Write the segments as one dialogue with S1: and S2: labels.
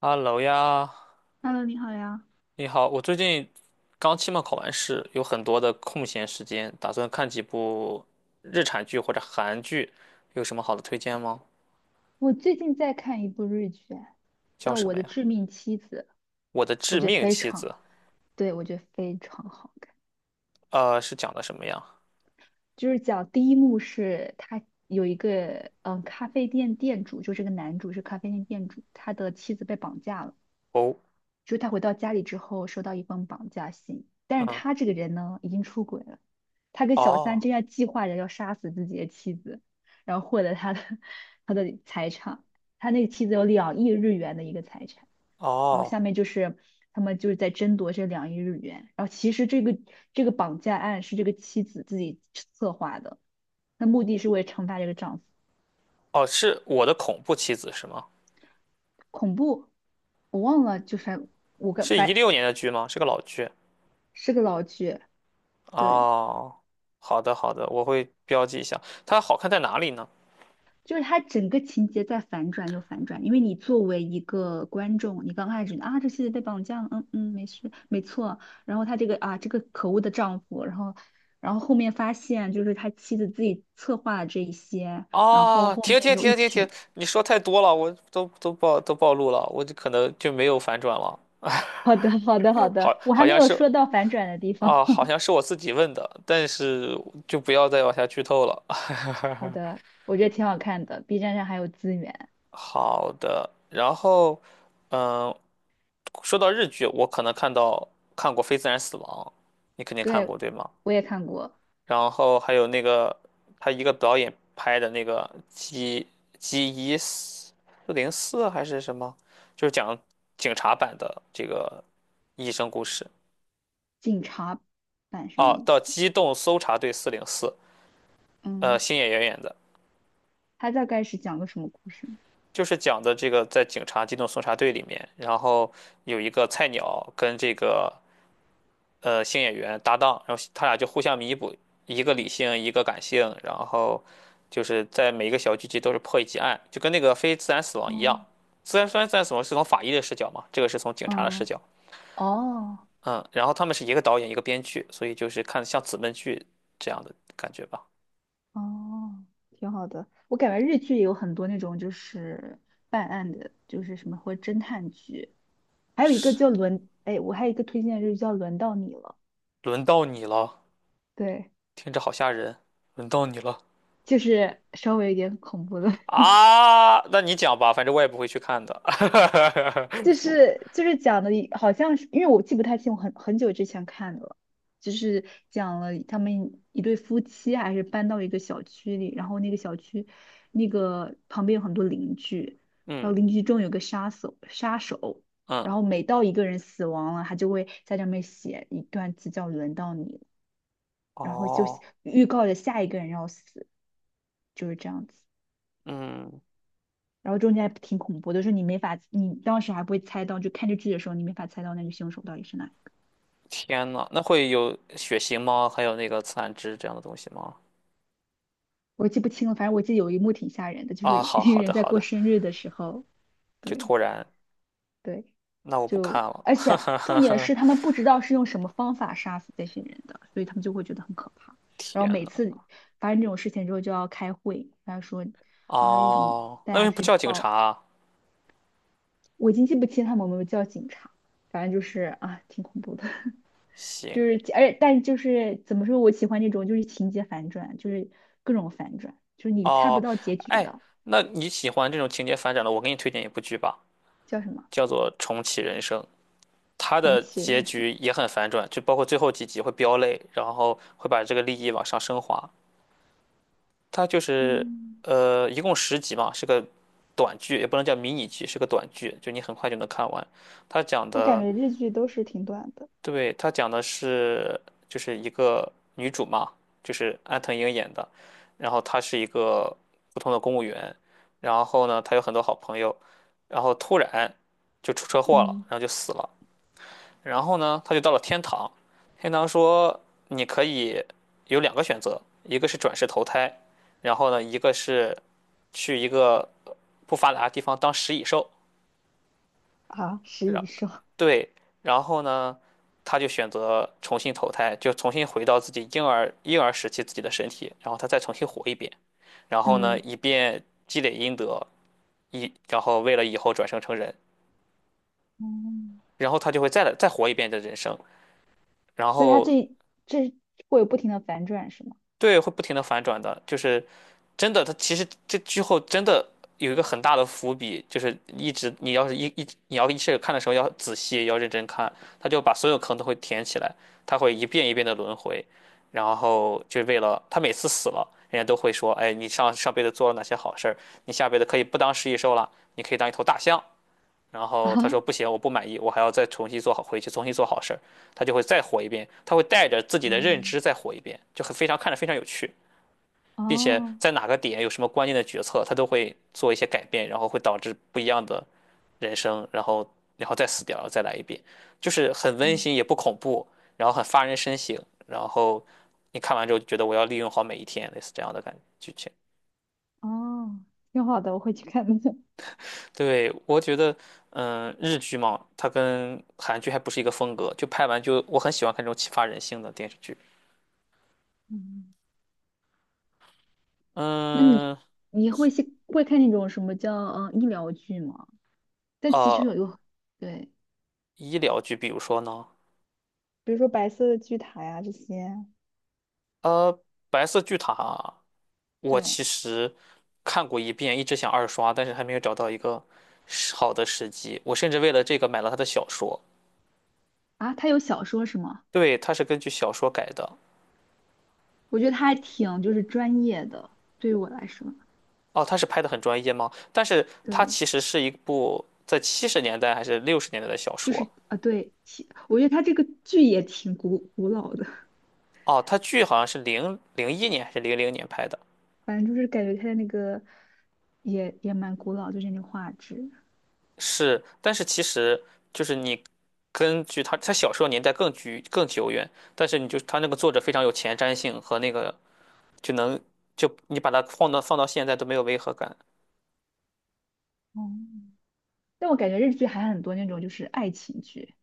S1: 哈喽呀，
S2: Hello，你好呀，
S1: 你好，我最近刚期末考完试，有很多的空闲时间，打算看几部日产剧或者韩剧，有什么好的推荐吗？
S2: 我最近在看一部日剧，
S1: 叫
S2: 叫
S1: 什
S2: 《我
S1: 么
S2: 的
S1: 呀？
S2: 致命妻子》，
S1: 我的
S2: 我
S1: 致
S2: 觉得
S1: 命
S2: 非
S1: 妻
S2: 常，
S1: 子，
S2: 对，我觉得非常好看。
S1: 是讲的什么呀？
S2: 就是讲第一幕是他有一个咖啡店店主，就是这个男主是咖啡店店主，他的妻子被绑架了。
S1: 哦，
S2: 就是他回到家里之后收到一封绑架信，但是
S1: 嗯，
S2: 他这个人呢已经出轨了，他跟小三
S1: 哦，
S2: 正在计划着要杀死自己的妻子，然后获得他的财产，他那个妻子有两亿日元的一个财产，然后
S1: 哦，
S2: 下面就是他们在争夺这两亿日元，然后其实这个绑架案是这个妻子自己策划的，那目的是为了惩罚这个丈夫，
S1: 哦，是我的恐怖妻子是吗？
S2: 恐怖，我忘了，就是我个
S1: 是一
S2: 反
S1: 六年的剧吗？是个老剧。
S2: 是个老剧，对。
S1: 哦，好的，好的，我会标记一下。它好看在哪里呢？
S2: 就是他整个情节在反转又反转，因为你作为一个观众，你刚开始啊，这妻子被绑架了，嗯嗯，没事，没错。然后他这个啊，这个可恶的丈夫，然后，然后后面发现就是他妻子自己策划了这一些，然后
S1: 啊，
S2: 后
S1: 停
S2: 面
S1: 停
S2: 又
S1: 停
S2: 一
S1: 停停！
S2: 曲。
S1: 你说太多了，我都暴露了，我就可能就没有反转了。
S2: 好的，好的，好的，
S1: 好，
S2: 我还
S1: 好
S2: 没
S1: 像
S2: 有
S1: 是
S2: 说到反转的地方。
S1: 啊，好 像是我自己问的，但是就不要再往下剧透了。
S2: 好的，我觉得挺好看的，B 站上还有资源。
S1: 好的，然后，嗯，说到日剧，我可能看过《非自然死亡》，你肯定看
S2: 对，
S1: 过对吗？
S2: 我也看过
S1: 然后还有那个他一个导演拍的那个 G 1404还是什么，就是讲警察版的这个医生故事
S2: 警察版，什么
S1: 哦，
S2: 意
S1: 到
S2: 思？
S1: 机动搜查队四零四，
S2: 嗯，
S1: 星野源演的，
S2: 他大概是讲个什么故事
S1: 就是讲的这个在警察机动搜查队里面，然后有一个菜鸟跟新演员搭档，然后他俩就互相弥补，一个理性，一个感性，然后就是在每一个小剧集都是破一起案，就跟那个非自然死亡一
S2: 哦。
S1: 样。虽然自然死亡是从法医的视角嘛，这个是从警察的视
S2: 嗯，
S1: 角，
S2: 哦，
S1: 嗯，然后他们是一个导演一个编剧，所以就是看像姊妹剧这样的感觉吧。
S2: 哦，挺好的。我感觉日剧也有很多那种就是办案的，就是什么或者侦探剧，还有一个
S1: 是，
S2: 叫轮，哎，我还有一个推荐的日剧叫《轮到你了》，
S1: 轮到你了，
S2: 对，
S1: 听着好吓人，轮到你了
S2: 就是稍微有点恐怖的，
S1: 啊！那你讲吧，反正我也不会去看的。
S2: 就是讲的，好像是因为我记不太清，我很久之前看的了，就是讲了他们一对夫妻还是搬到一个小区里，然后那个小区那个旁边有很多邻居，然
S1: 嗯
S2: 后邻居中有个杀手，然
S1: 嗯，
S2: 后每到一个人死亡了，他就会在上面写一段字叫“轮到你了”，然后就写
S1: 哦，
S2: 预告着下一个人要死，就是这样子。
S1: 嗯。
S2: 然后中间还挺恐怖的，就是你没法，你当时还不会猜到，就看这剧的时候，你没法猜到那个凶手到底是哪里。
S1: 天呐，那会有血型吗？还有那个自然值这样的东西吗？
S2: 我记不清了，反正我记得有一幕挺吓人的，就是
S1: 啊，好
S2: 一个
S1: 好的
S2: 人在
S1: 好
S2: 过
S1: 的，
S2: 生日的时候，
S1: 就
S2: 对
S1: 突然，
S2: 对，
S1: 那我不看
S2: 就
S1: 了。
S2: 而且重点是他们不知道是用什么方法杀死这些人的，所以他们就会觉得很可怕。然后
S1: 天
S2: 每
S1: 呐，
S2: 次发生这种事情之后就要开会，然后说啊，有什么
S1: 哦，
S2: 大
S1: 那为
S2: 家
S1: 什么不
S2: 去
S1: 叫警察
S2: 报，
S1: 啊
S2: 我已经记不清他们有没有叫警察，反正就是啊，挺恐怖的。
S1: 行，
S2: 就是，而且，但就是怎么说，我喜欢那种就是情节反转，就是各种反转，就是你猜不
S1: 哦，
S2: 到结局
S1: 哎，
S2: 的，
S1: 那你喜欢这种情节反转的，我给你推荐一部剧吧，
S2: 叫什么
S1: 叫做《重启人生》，它
S2: 重
S1: 的
S2: 启
S1: 结
S2: 人生。
S1: 局也很反转，就包括最后几集会飙泪，然后会把这个利益往上升华。它就是
S2: 嗯，
S1: 一共10集嘛，是个短剧，也不能叫迷你剧，是个短剧，就你很快就能看完。它讲
S2: 我感
S1: 的，
S2: 觉日剧都是挺短的。
S1: 对，它讲的是就是一个女主嘛，就是安藤樱演的，然后她是一个普通的公务员，然后呢，她有很多好朋友，然后突然就出车祸了，
S2: 嗯
S1: 然后就死了，然后呢，她就到了天堂，天堂说你可以有两个选择，一个是转世投胎，然后呢，一个是。去一个不发达的地方当食蚁兽，
S2: 啊，食
S1: 然
S2: 蚁兽。
S1: 对，然后呢，他就选择重新投胎，就重新回到自己婴儿时期自己的身体，然后他再重新活一遍，然后呢，
S2: 嗯，
S1: 以便积累阴德，然后为了以后转生成人，
S2: 嗯，
S1: 然后他就会再来再活一遍的人生，然
S2: 所以它
S1: 后
S2: 这这会有不停的反转是吗？
S1: 对，会不停的反转的，就是真的，他其实这之后真的有一个很大的伏笔，就是一直你要是你要一开始看的时候要仔细要认真看，他就把所有坑都会填起来，他会一遍一遍的轮回，然后就为了他每次死了，人家都会说，哎，你上上辈子做了哪些好事儿，你下辈子可以不当食蚁兽了，你可以当一头大象。然后他说
S2: 啊，
S1: 不行，我不满意，我还要再重新做好，回去重新做好事儿，他就会再活一遍，他会带着自己
S2: 哦
S1: 的认知再活一遍，就很非常看着非常有趣。并且
S2: 哦，
S1: 在哪个点有什么关键的决策，他都会做一些改变，然后会导致不一样的人生，然后再死掉，然后再来一遍，就是很温
S2: 嗯
S1: 馨也不恐怖，然后很发人深省，然后你看完之后就觉得我要利用好每一天，类似这样的感觉剧情。
S2: 哦，挺好的，我会去看的。
S1: 对，我觉得，嗯，日剧嘛，它跟韩剧还不是一个风格，就拍完就我很喜欢看这种启发人性的电视剧。
S2: 嗯，那你
S1: 嗯，
S2: 你会去，会看那种什么叫嗯、医疗剧吗？但其实
S1: 呃，
S2: 有对。
S1: 医疗剧，比如说呢，
S2: 比如说白色的巨塔呀这些。
S1: 呃，白色巨塔。我
S2: 对
S1: 其实看过一遍，一直想二刷，但是还没有找到一个时好的时机。我甚至为了这个买了他的小说，
S2: 啊，他有小说是吗？
S1: 对，他是根据小说改的。
S2: 我觉得他还挺就是专业的，对于我来说，
S1: 哦，他是拍的很专业吗？但是它
S2: 对，
S1: 其实是一部在70年代还是60年代的小
S2: 就
S1: 说。
S2: 是啊，对，其我觉得他这个剧也挺古老的，
S1: 哦，他剧好像是01年还是00年拍的，
S2: 反正就是感觉他的那个也蛮古老，就是那个画质。
S1: 是，但是其实就是你根据他小说年代更久远，但是你就他那个作者非常有前瞻性和那个就能就你把它放到现在都没有违和感
S2: 哦，但我感觉日剧还很多那种就是爱情剧，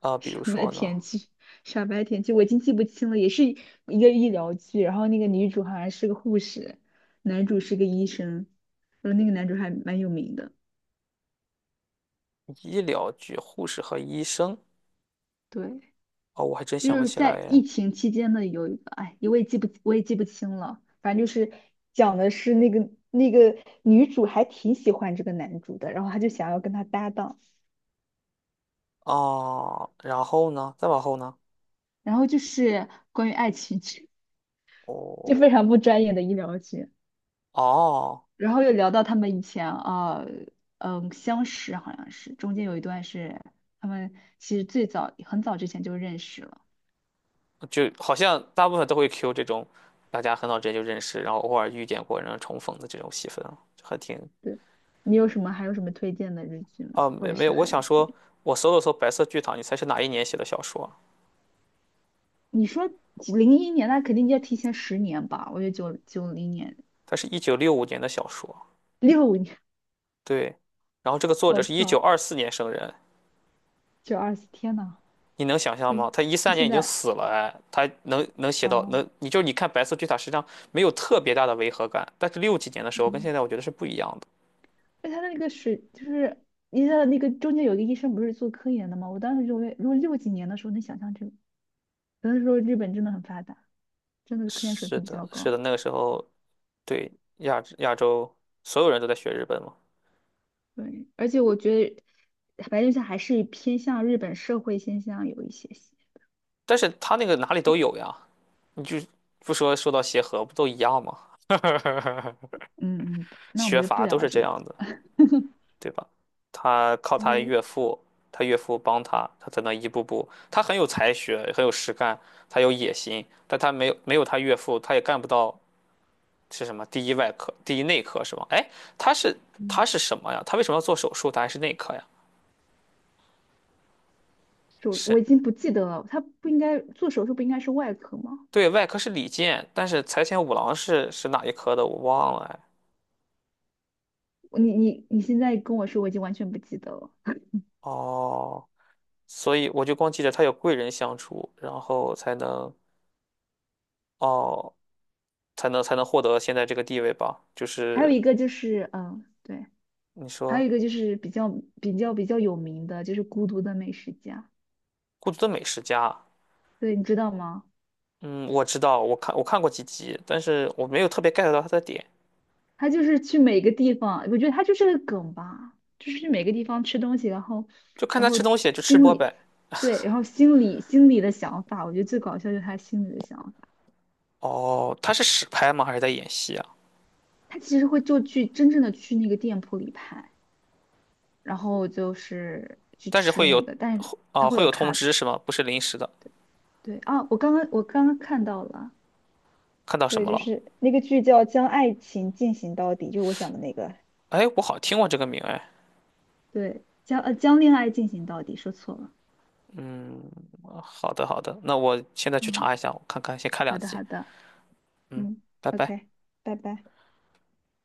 S1: 啊、比如
S2: 傻白
S1: 说呢，
S2: 甜剧，傻白甜剧，我已经记不清了，也是一个医疗剧。然后那个女主好像是个护士，男主是个医生，然后那个男主还蛮有名的。
S1: 医疗剧护士和医生，
S2: 对，
S1: 哦，我还真
S2: 就
S1: 想不
S2: 是
S1: 起来
S2: 在
S1: 耶。
S2: 疫情期间的有一个，哎，我也记不清了。反正就是讲的是那个女主还挺喜欢这个男主的，然后她就想要跟他搭档，
S1: 哦，然后呢，再往后呢，
S2: 然后就是关于爱情剧，就
S1: 哦
S2: 非常不专业的医疗剧。
S1: 哦，
S2: 然后又聊到他们以前啊，嗯，相识好像是，中间有一段是他们其实最早很早之前就认识了。
S1: 就好像大部分都会 Q 这种大家很早之前就认识，然后偶尔遇见过，然后重逢的这种戏份啊，就还挺
S2: 对，你有什么还有什么推荐的日剧吗？
S1: 啊，
S2: 或
S1: 没
S2: 者
S1: 没
S2: 是
S1: 有，我
S2: 韩
S1: 想说，
S2: 剧？
S1: 我搜了搜《白色巨塔》，你猜是哪一年写的小说？
S2: 你说零一年，那肯定要提前十年吧？我觉得九九零年、
S1: 它是1965年的小说，
S2: 六五年，
S1: 对，然后这个作者
S2: 我
S1: 是一九
S2: 操，
S1: 二四年生人。
S2: 九二四，天呐，
S1: 你能想象
S2: 那
S1: 吗？他一
S2: 他
S1: 三年
S2: 现
S1: 已经
S2: 在
S1: 死了，哎，他能写到
S2: 哦，
S1: 能，你就你看《白色巨塔》实际上没有特别大的违和感，但是六几年的时候跟
S2: 嗯，
S1: 现在我觉得是不一样的。
S2: 那他那个水就是。你知道那个中间有一个医生不是做科研的吗？我当时就为，如果六几年的时候能想象这个。只能说日本真的很发达，真的科研水
S1: 是
S2: 平比
S1: 的，
S2: 较
S1: 是的，
S2: 高。
S1: 那个时候对亚洲所有人都在学日本嘛，
S2: 对，而且我觉得白内障还是偏向日本社会现象有一些些。
S1: 但是他那个哪里都有呀，你就不说，说到协和不都一样吗？
S2: 嗯嗯，那我们
S1: 学
S2: 就不
S1: 法都
S2: 聊
S1: 是这
S2: 这个，
S1: 样的。对吧？他靠
S2: 因
S1: 他
S2: 为
S1: 岳父，他岳父帮他，他才能一步步。他很有才学，很有实干，他有野心，但他没有他岳父，他也干不到是什么第一外科、第一内科是吧？哎，他是他
S2: 嗯，
S1: 是什么呀？他为什么要做手术？他还是内科呀？
S2: 手
S1: 是，
S2: 我已经不记得了，他不应该做手术，不应该是外科吗？
S1: 对，外科是李健，但是财前五郎是哪一科的？我忘了哎。
S2: 我你现在跟我说，我已经完全不记得了。
S1: 哦，所以我就光记着他有贵人相助，然后才能哦，才能才能获得现在这个地位吧？就
S2: 还有
S1: 是
S2: 一个就是，嗯，对，
S1: 你
S2: 还有
S1: 说。
S2: 一个就是比较有名的，就是《孤独的美食家》，
S1: 孤独的美食家，
S2: 对，你知道吗？
S1: 嗯，我知道，我看过几集，但是我没有特别 get 到他的点，
S2: 他就是去每个地方，我觉得他就是个梗吧，就是去每个地方吃东西，然后，
S1: 就看
S2: 然
S1: 他
S2: 后
S1: 吃东西就吃
S2: 心
S1: 播
S2: 里，
S1: 呗。
S2: 对，然后心里的想法，我觉得最搞笑就是他心里的想法。
S1: 哦，他是实拍吗？还是在演戏啊？
S2: 他其实会就去真正的去那个店铺里拍，然后就是去
S1: 但是
S2: 吃
S1: 会
S2: 那
S1: 有，
S2: 个，但是他
S1: 啊、
S2: 会
S1: 会
S2: 有
S1: 有通
S2: cut。
S1: 知是吗？不是临时的。
S2: 对啊，我刚刚看到了，
S1: 看到什
S2: 对，
S1: 么
S2: 就
S1: 了？
S2: 是那个剧叫《将爱情进行到底》，就是我讲的那个。
S1: 哎，我好像听过这个名哎。
S2: 对，将将恋爱进行到底，说错了。
S1: 好的好的，那我现在去
S2: 嗯，
S1: 查一下，我看看，先看两
S2: 好的
S1: 集，
S2: 好的。嗯
S1: 拜拜。
S2: ，OK，拜拜。